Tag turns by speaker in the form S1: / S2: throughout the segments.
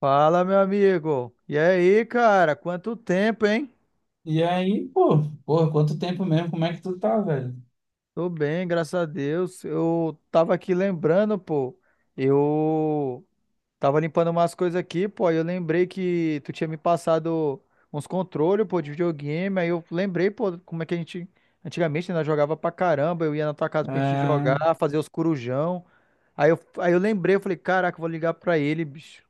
S1: Fala, meu amigo. E aí, cara? Quanto tempo, hein?
S2: E aí, pô, porra, quanto tempo mesmo? Como é que tu tá, velho?
S1: Tô bem, graças a Deus. Eu tava aqui lembrando, pô. Eu tava limpando umas coisas aqui, pô. Aí eu lembrei que tu tinha me passado uns controles, pô, de videogame. Aí eu lembrei, pô, como é que a gente antigamente ainda jogava pra caramba. Eu ia na tua casa pra gente jogar,
S2: É...
S1: fazer os corujão. Aí eu lembrei, eu falei, caraca, eu vou ligar pra ele, bicho.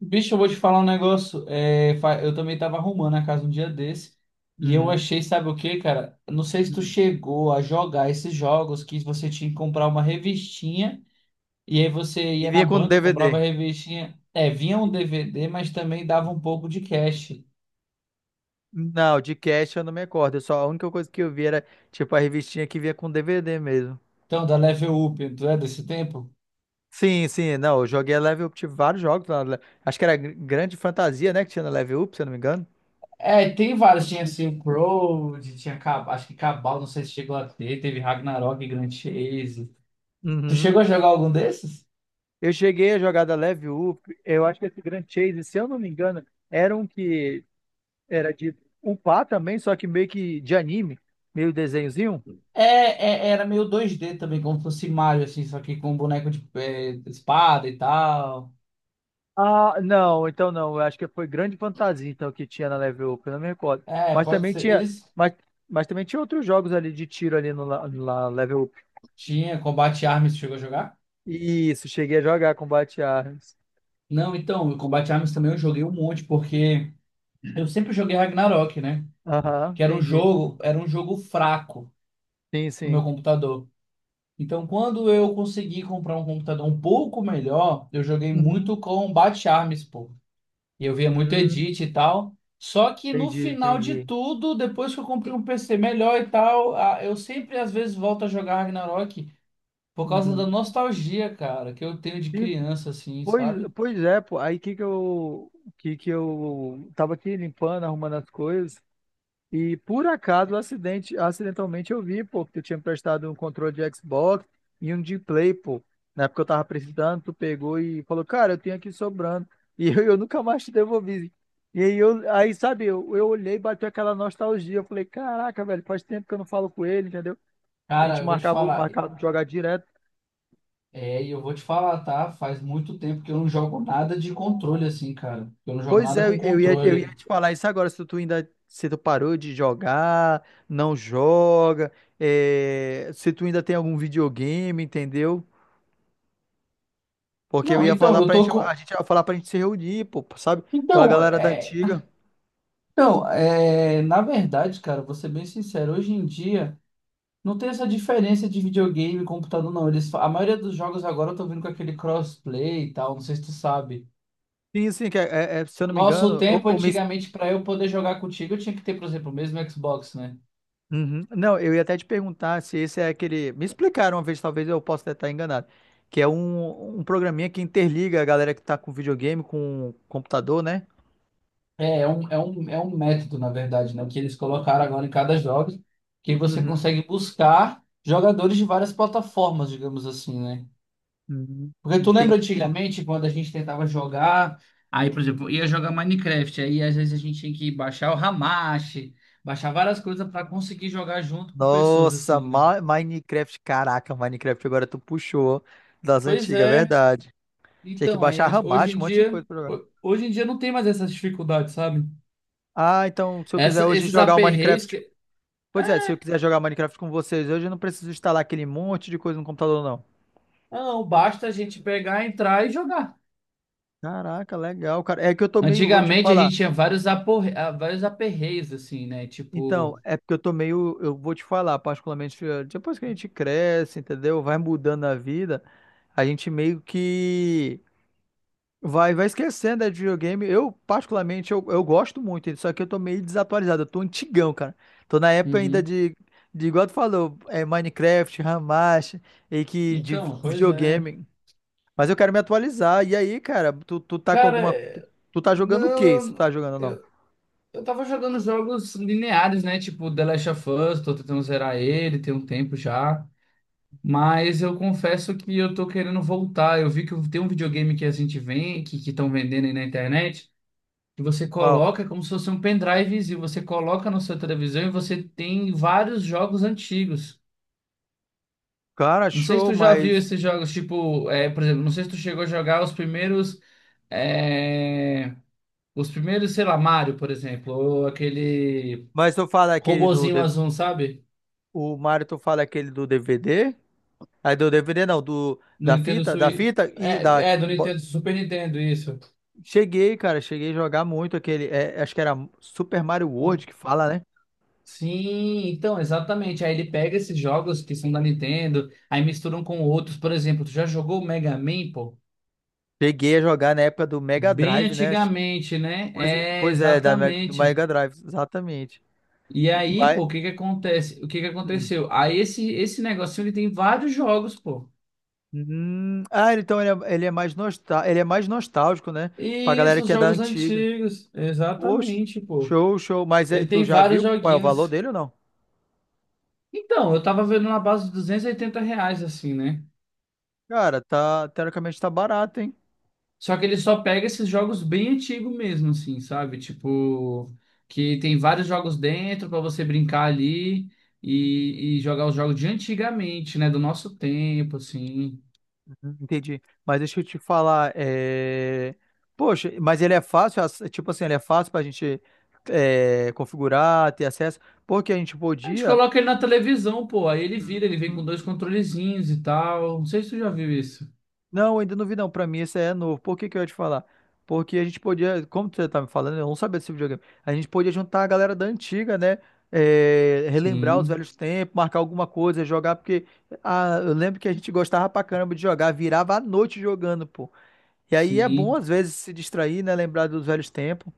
S2: Bicho, eu vou te falar um negócio. Eu também tava arrumando a casa um dia desse. E eu
S1: Uhum.
S2: achei, sabe o que, cara? Não sei se tu
S1: Uhum.
S2: chegou a jogar esses jogos que você tinha que comprar uma revistinha. E aí você
S1: E
S2: ia na
S1: vinha com
S2: banca, comprava
S1: DVD.
S2: a revistinha. É, vinha um DVD, mas também dava um pouco de cash.
S1: Não, de cast eu não me recordo. Eu Só a única coisa que eu vi era, tipo, a revistinha que vinha com DVD mesmo.
S2: Então, da Level Up, tu é desse tempo?
S1: Sim, sim, não, eu joguei a Level Up, tive vários jogos lá. Na Acho que era Grande Fantasia, né, que tinha na Level Up, se eu não me engano.
S2: É, tem vários. Tinha Silkroad, tinha Cabal, acho que Cabal, não sei se chegou a ter. Teve Ragnarok, Grand Chase. Tu
S1: Uhum.
S2: chegou a jogar algum desses?
S1: Eu cheguei a jogar da Level Up, eu acho que esse Grand Chase, se eu não me engano, era um que era de upar também, só que meio que de anime, meio desenhozinho.
S2: Era meio 2D também, como fosse Mario, assim, só que com boneco de espada e tal.
S1: Ah, não, então não. Eu acho que foi Grande Fantasia então que tinha na Level Up, eu não me recordo.
S2: É,
S1: Mas
S2: pode
S1: também
S2: ser.
S1: tinha,
S2: Eles
S1: mas, mas também tinha outros jogos ali de tiro ali no, la- na Level Up.
S2: tinha Combat Arms, chegou a jogar?
S1: Isso, cheguei a jogar Combate Arms.
S2: Não, então, o Combat Arms também eu joguei um monte, porque eu sempre joguei Ragnarok, né?
S1: Aham,
S2: Que
S1: entendi.
S2: era um jogo fraco
S1: Sim,
S2: pro meu
S1: sim.
S2: computador. Então, quando eu consegui comprar um computador um pouco melhor, eu joguei
S1: Uhum.
S2: muito com Bat Arms, pô. E eu via muito
S1: Hum,
S2: edit e tal. Só que no
S1: entendi,
S2: final de
S1: entendi.
S2: tudo, depois que eu comprei um PC melhor e tal, eu sempre às vezes volto a jogar Ragnarok por causa da
S1: Uhum.
S2: nostalgia, cara, que eu tenho de
S1: E,
S2: criança, assim,
S1: pois,
S2: sabe?
S1: Pois é, pô. Aí que que eu tava aqui limpando, arrumando as coisas. E por acidentalmente eu vi, pô, que tu tinha me prestado um controle de Xbox e um de Play, pô. Na época eu tava precisando, tu pegou e falou, cara, eu tenho aqui sobrando. E eu nunca mais te devolvi. E aí sabe, eu olhei e bateu aquela nostalgia. Eu falei, caraca, velho, faz tempo que eu não falo com ele, entendeu? A gente
S2: Cara, eu vou te
S1: marcava,
S2: falar.
S1: marcava de jogar direto.
S2: É, e eu vou te falar, tá? Faz muito tempo que eu não jogo nada de controle, assim, cara. Eu não jogo
S1: Pois
S2: nada
S1: é, eu
S2: com
S1: eu ia, eu ia
S2: controle.
S1: te falar isso agora, se tu ainda, se tu parou de jogar, não joga, é, se tu ainda tem algum videogame, entendeu? Porque eu
S2: Não,
S1: ia
S2: então,
S1: falar
S2: eu
S1: pra
S2: tô
S1: gente, a
S2: com.
S1: gente ia falar pra gente se reunir, pô, sabe? Aquela
S2: Então,
S1: galera da
S2: é.
S1: antiga.
S2: Então, é, na verdade, cara, vou ser bem sincero, hoje em dia não tem essa diferença de videogame e computador, não. A maioria dos jogos agora estão vindo com aquele crossplay e tal, não sei se tu sabe.
S1: Sim, sim, que é, é, se eu
S2: No
S1: não me
S2: nosso
S1: engano, ou,
S2: tempo,
S1: ou me...
S2: antigamente, para eu poder jogar contigo, eu tinha que ter, por exemplo, o mesmo Xbox, né?
S1: Uhum. Não, eu ia até te perguntar se esse é aquele. Me explicaram uma vez, talvez eu possa até estar enganado. Que é um programinha que interliga a galera que tá com videogame com computador, né?
S2: É um método, na verdade, né? Que eles colocaram agora em cada jogo, que você
S1: Uhum.
S2: consegue buscar jogadores de várias plataformas, digamos assim, né?
S1: Uhum.
S2: Porque tu
S1: Entendi.
S2: lembra antigamente quando a gente tentava jogar, aí, por exemplo, ia jogar Minecraft, aí às vezes a gente tinha que baixar o Hamachi, baixar várias coisas para conseguir jogar junto com pessoas
S1: Nossa,
S2: assim, né?
S1: Minecraft, caraca, Minecraft agora tu puxou das
S2: Pois
S1: antigas, é
S2: é.
S1: verdade. Tinha que
S2: Então, aí
S1: baixar
S2: hoje em
S1: Ramacho, um monte de
S2: dia,
S1: coisa pra jogar.
S2: hoje em dia não tem mais essas dificuldades, sabe?
S1: Ah, então se eu quiser
S2: Essa,
S1: hoje
S2: esses
S1: jogar o
S2: aperreios
S1: Minecraft.
S2: que
S1: Pois é, se
S2: é,
S1: eu quiser jogar Minecraft com vocês hoje, eu não preciso instalar aquele monte de coisa no computador, não.
S2: não, basta a gente pegar, entrar e jogar.
S1: Caraca, legal, cara. É que eu tô meio, vou te
S2: Antigamente a
S1: falar.
S2: gente tinha vários aporre... ah, vários aperreios assim, né?
S1: Então,
S2: Tipo,
S1: é porque eu tô meio, eu vou te falar, particularmente, depois que a gente cresce, entendeu? Vai mudando a vida, a gente meio que vai esquecendo né, de videogame. Eu, particularmente, eu gosto muito, só que eu tô meio desatualizado, eu tô antigão, cara. Tô na época ainda
S2: uhum.
S1: de igual tu falou, é Minecraft, Hamashi, e que de
S2: Então, pois é.
S1: videogame. Mas eu quero me atualizar. E aí, cara, tu tá com alguma. Tu,
S2: Cara,
S1: tu tá jogando o
S2: não,
S1: quê? Se tu tá jogando ou não?
S2: eu tava jogando jogos lineares, né? Tipo The Last of Us, tô tentando zerar ele, tem um tempo já. Mas eu confesso que eu tô querendo voltar. Eu vi que tem um videogame que a gente vem, que estão vendendo aí na internet, que você
S1: Qual?
S2: coloca como se fosse um pendrive, e você coloca na sua televisão e você tem vários jogos antigos.
S1: Cara,
S2: Não sei se
S1: show,
S2: tu já viu
S1: mas.
S2: esses jogos, tipo, é, por exemplo, não sei se tu chegou a jogar os primeiros. É, os primeiros, sei lá, Mario, por exemplo, ou aquele
S1: Mas tu fala aquele do.
S2: robozinho
S1: D- V
S2: azul, sabe?
S1: O Mario, tu fala aquele do DVD? Aí do DVD não, do.
S2: Do
S1: Da
S2: Nintendo
S1: fita? Da
S2: Switch.
S1: fita e da.
S2: É, é, do Nintendo, Super Nintendo, isso.
S1: Cheguei, cara, cheguei a jogar muito aquele. Acho que era Super Mario World que fala, né?
S2: Sim, então, exatamente. Aí ele pega esses jogos que são da Nintendo, aí misturam com outros. Por exemplo, tu já jogou o Mega Man, pô?
S1: Cheguei a jogar na época do Mega
S2: Bem
S1: Drive, né?
S2: antigamente, né?
S1: Pois,
S2: É,
S1: Pois é, do
S2: exatamente.
S1: Mega Drive, exatamente.
S2: E aí,
S1: Mas.
S2: pô, o que que acontece? O que que
S1: Hum.
S2: aconteceu? Aí esse negocinho, ele tem vários jogos, pô.
S1: Ah, então ele é, ele é mais nostálgico, né? Pra galera
S2: Isso, os
S1: que é da
S2: jogos
S1: antiga.
S2: antigos.
S1: Poxa,
S2: Exatamente, pô.
S1: show, show. Mas é,
S2: Ele
S1: tu
S2: tem
S1: já
S2: vários
S1: viu qual é o valor
S2: joguinhos.
S1: dele ou não?
S2: Então, eu tava vendo na base de R$ 280, assim, né?
S1: Cara, tá, teoricamente tá barato, hein?
S2: Só que ele só pega esses jogos bem antigos mesmo, assim, sabe? Tipo, que tem vários jogos dentro pra você brincar ali e jogar os jogos de antigamente, né? Do nosso tempo, assim.
S1: Uhum, entendi. Mas deixa eu te falar, é... Poxa, mas ele é fácil, tipo assim, ele é fácil pra gente é, configurar, ter acesso, porque a gente
S2: A gente
S1: podia...
S2: coloca ele na televisão, pô, aí ele vira, ele vem com dois controlezinhos e tal. Não sei se tu já viu isso.
S1: Não, ainda não vi não. Pra mim esse é novo. Por que que eu ia te falar? Porque a gente podia, como você tá me falando, eu não sabia desse videogame. A gente podia juntar a galera da antiga, né? É, relembrar os
S2: Sim,
S1: velhos tempos, marcar alguma coisa, jogar, porque ah, eu lembro que a gente gostava pra caramba de jogar, virava a noite jogando, pô. E aí é
S2: sim.
S1: bom às vezes se distrair, né? Lembrar dos velhos tempos.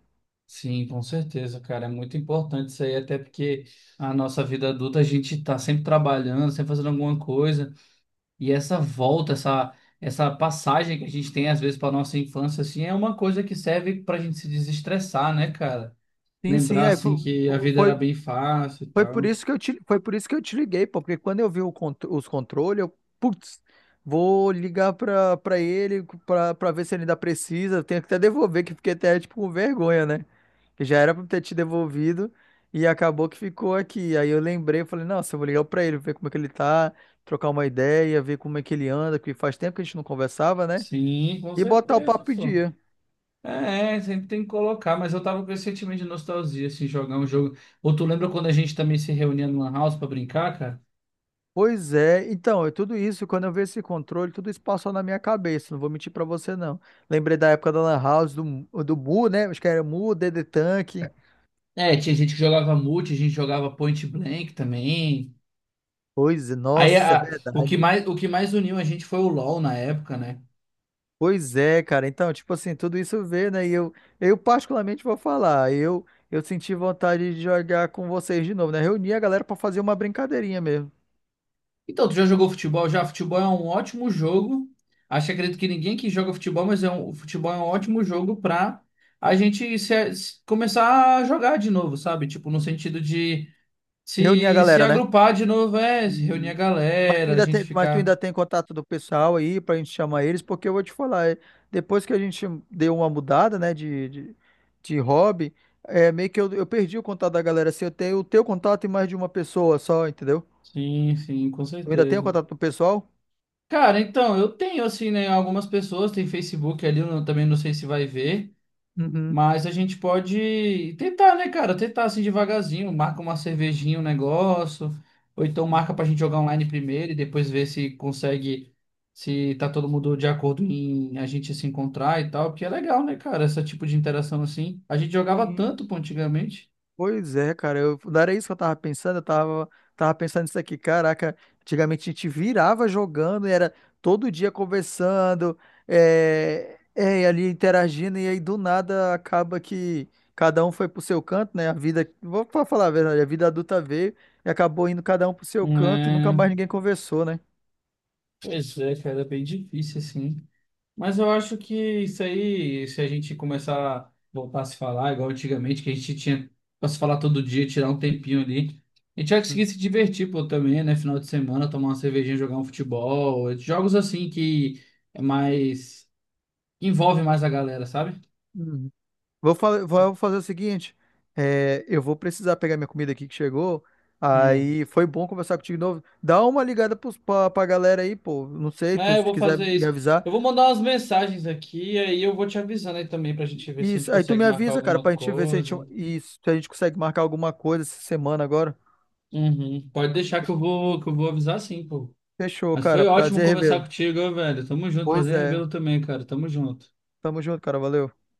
S2: Sim, com certeza, cara. É muito importante isso aí, até porque a nossa vida adulta a gente tá sempre trabalhando, sempre fazendo alguma coisa. E essa volta, essa passagem que a gente tem às vezes para nossa infância, assim, é uma coisa que serve pra gente se desestressar, né, cara?
S1: Sim, sim,
S2: Lembrar, assim, que a vida
S1: foi,
S2: era bem fácil e
S1: foi por
S2: tal.
S1: isso foi por isso que eu te liguei, pô, porque quando eu vi os controles, eu, putz, vou ligar pra ele pra ver se ele ainda precisa. Eu tenho que até devolver, que fiquei até tipo com vergonha, né? Que já era pra eu ter te devolvido e acabou que ficou aqui. Aí eu lembrei, falei, nossa, eu vou ligar pra ele, ver como é que ele tá, trocar uma ideia, ver como é que ele anda, que faz tempo que a gente não conversava, né?
S2: Sim, com
S1: E botar o
S2: certeza,
S1: papo em
S2: pô.
S1: dia.
S2: É, é, sempre tem que colocar, mas eu tava com esse sentimento de nostalgia, assim, jogar um jogo. Ou tu lembra quando a gente também se reunia no Lan House pra brincar, cara?
S1: Pois é, então, é tudo isso, quando eu vi esse controle, tudo isso passou na minha cabeça, não vou mentir pra você não. Lembrei da época da Lan House, do Mu, né? Acho que era Mu, DD Tank.
S2: É, tinha gente que jogava multi, a gente jogava point blank também.
S1: Pois é,
S2: Aí
S1: nossa, é verdade.
S2: o que mais uniu a gente foi o LoL na época, né?
S1: Pois é, cara. Então, tipo assim, tudo isso vê, né? E eu particularmente vou falar, eu senti vontade de jogar com vocês de novo, né? Reunir a galera pra fazer uma brincadeirinha mesmo.
S2: Então, tu já jogou futebol? Já, futebol é um ótimo jogo. Acho, que acredito que ninguém que joga futebol, mas é um, o futebol é um ótimo jogo pra a gente começar a jogar de novo, sabe? Tipo, no sentido de
S1: Reunir a
S2: se
S1: galera, né?
S2: agrupar de novo, é, se reunir a
S1: E... Mas tu
S2: galera, a
S1: ainda
S2: gente
S1: tem, mas tu
S2: ficar.
S1: ainda tem contato do pessoal aí pra gente chamar eles, porque eu vou te falar, é, depois que a gente deu uma mudada, né, de hobby, é meio que eu perdi o contato da galera, assim, eu tenho o teu contato e mais de uma pessoa só, entendeu?
S2: Sim, sim, com
S1: Eu ainda tenho
S2: certeza.
S1: contato do pessoal?
S2: Cara, então, eu tenho, assim, né, algumas pessoas, tem Facebook ali, eu também não sei se vai ver,
S1: Uhum.
S2: mas a gente pode tentar, né, cara, tentar, assim, devagarzinho, marca uma cervejinha, um negócio, ou então marca pra gente jogar online primeiro e depois ver se consegue, se tá todo mundo de acordo em a gente se encontrar e tal, porque é legal, né, cara, esse tipo de interação, assim, a gente jogava
S1: Sim,
S2: tanto, pô, antigamente,
S1: pois é, não era isso que eu tava pensando, tava pensando isso aqui, caraca, antigamente a gente virava jogando e era todo dia conversando, e ali interagindo, e aí do nada acaba que cada um foi pro seu canto, né, a vida, vou falar a verdade, a vida adulta veio e acabou indo cada um pro seu
S2: não
S1: canto e nunca
S2: é,
S1: mais ninguém conversou, né?
S2: pois é, cara, é bem difícil, assim. Mas eu acho que isso aí, se a gente começar a voltar a se falar, igual antigamente, que a gente tinha pra se falar todo dia, tirar um tempinho ali, a gente vai conseguir se divertir, pô, também, né? Final de semana, tomar uma cervejinha, jogar um futebol, jogos assim que é mais, envolve mais a galera, sabe?
S1: Uhum. Vou fazer o seguinte, é, eu vou precisar pegar minha comida aqui que chegou.
S2: Hum.
S1: Aí foi bom conversar contigo de novo. Dá uma ligada pra galera aí, pô. Não sei,
S2: É, eu
S1: se tu
S2: vou
S1: quiser
S2: fazer
S1: me
S2: isso.
S1: avisar.
S2: Eu vou mandar umas mensagens aqui, aí eu vou te avisando aí também pra gente ver se a gente
S1: Isso, aí tu me
S2: consegue marcar
S1: avisa, cara, pra
S2: alguma
S1: gente ver
S2: coisa.
S1: se a gente consegue marcar alguma coisa essa semana agora.
S2: Uhum. Pode deixar que eu vou avisar sim, pô.
S1: Fechou,
S2: Mas
S1: cara.
S2: foi ótimo
S1: Prazer
S2: conversar
S1: revê-lo.
S2: contigo, velho. Tamo junto.
S1: Pois
S2: Prazer em
S1: é.
S2: revê-lo também, cara. Tamo junto.
S1: Tamo junto, cara. Valeu.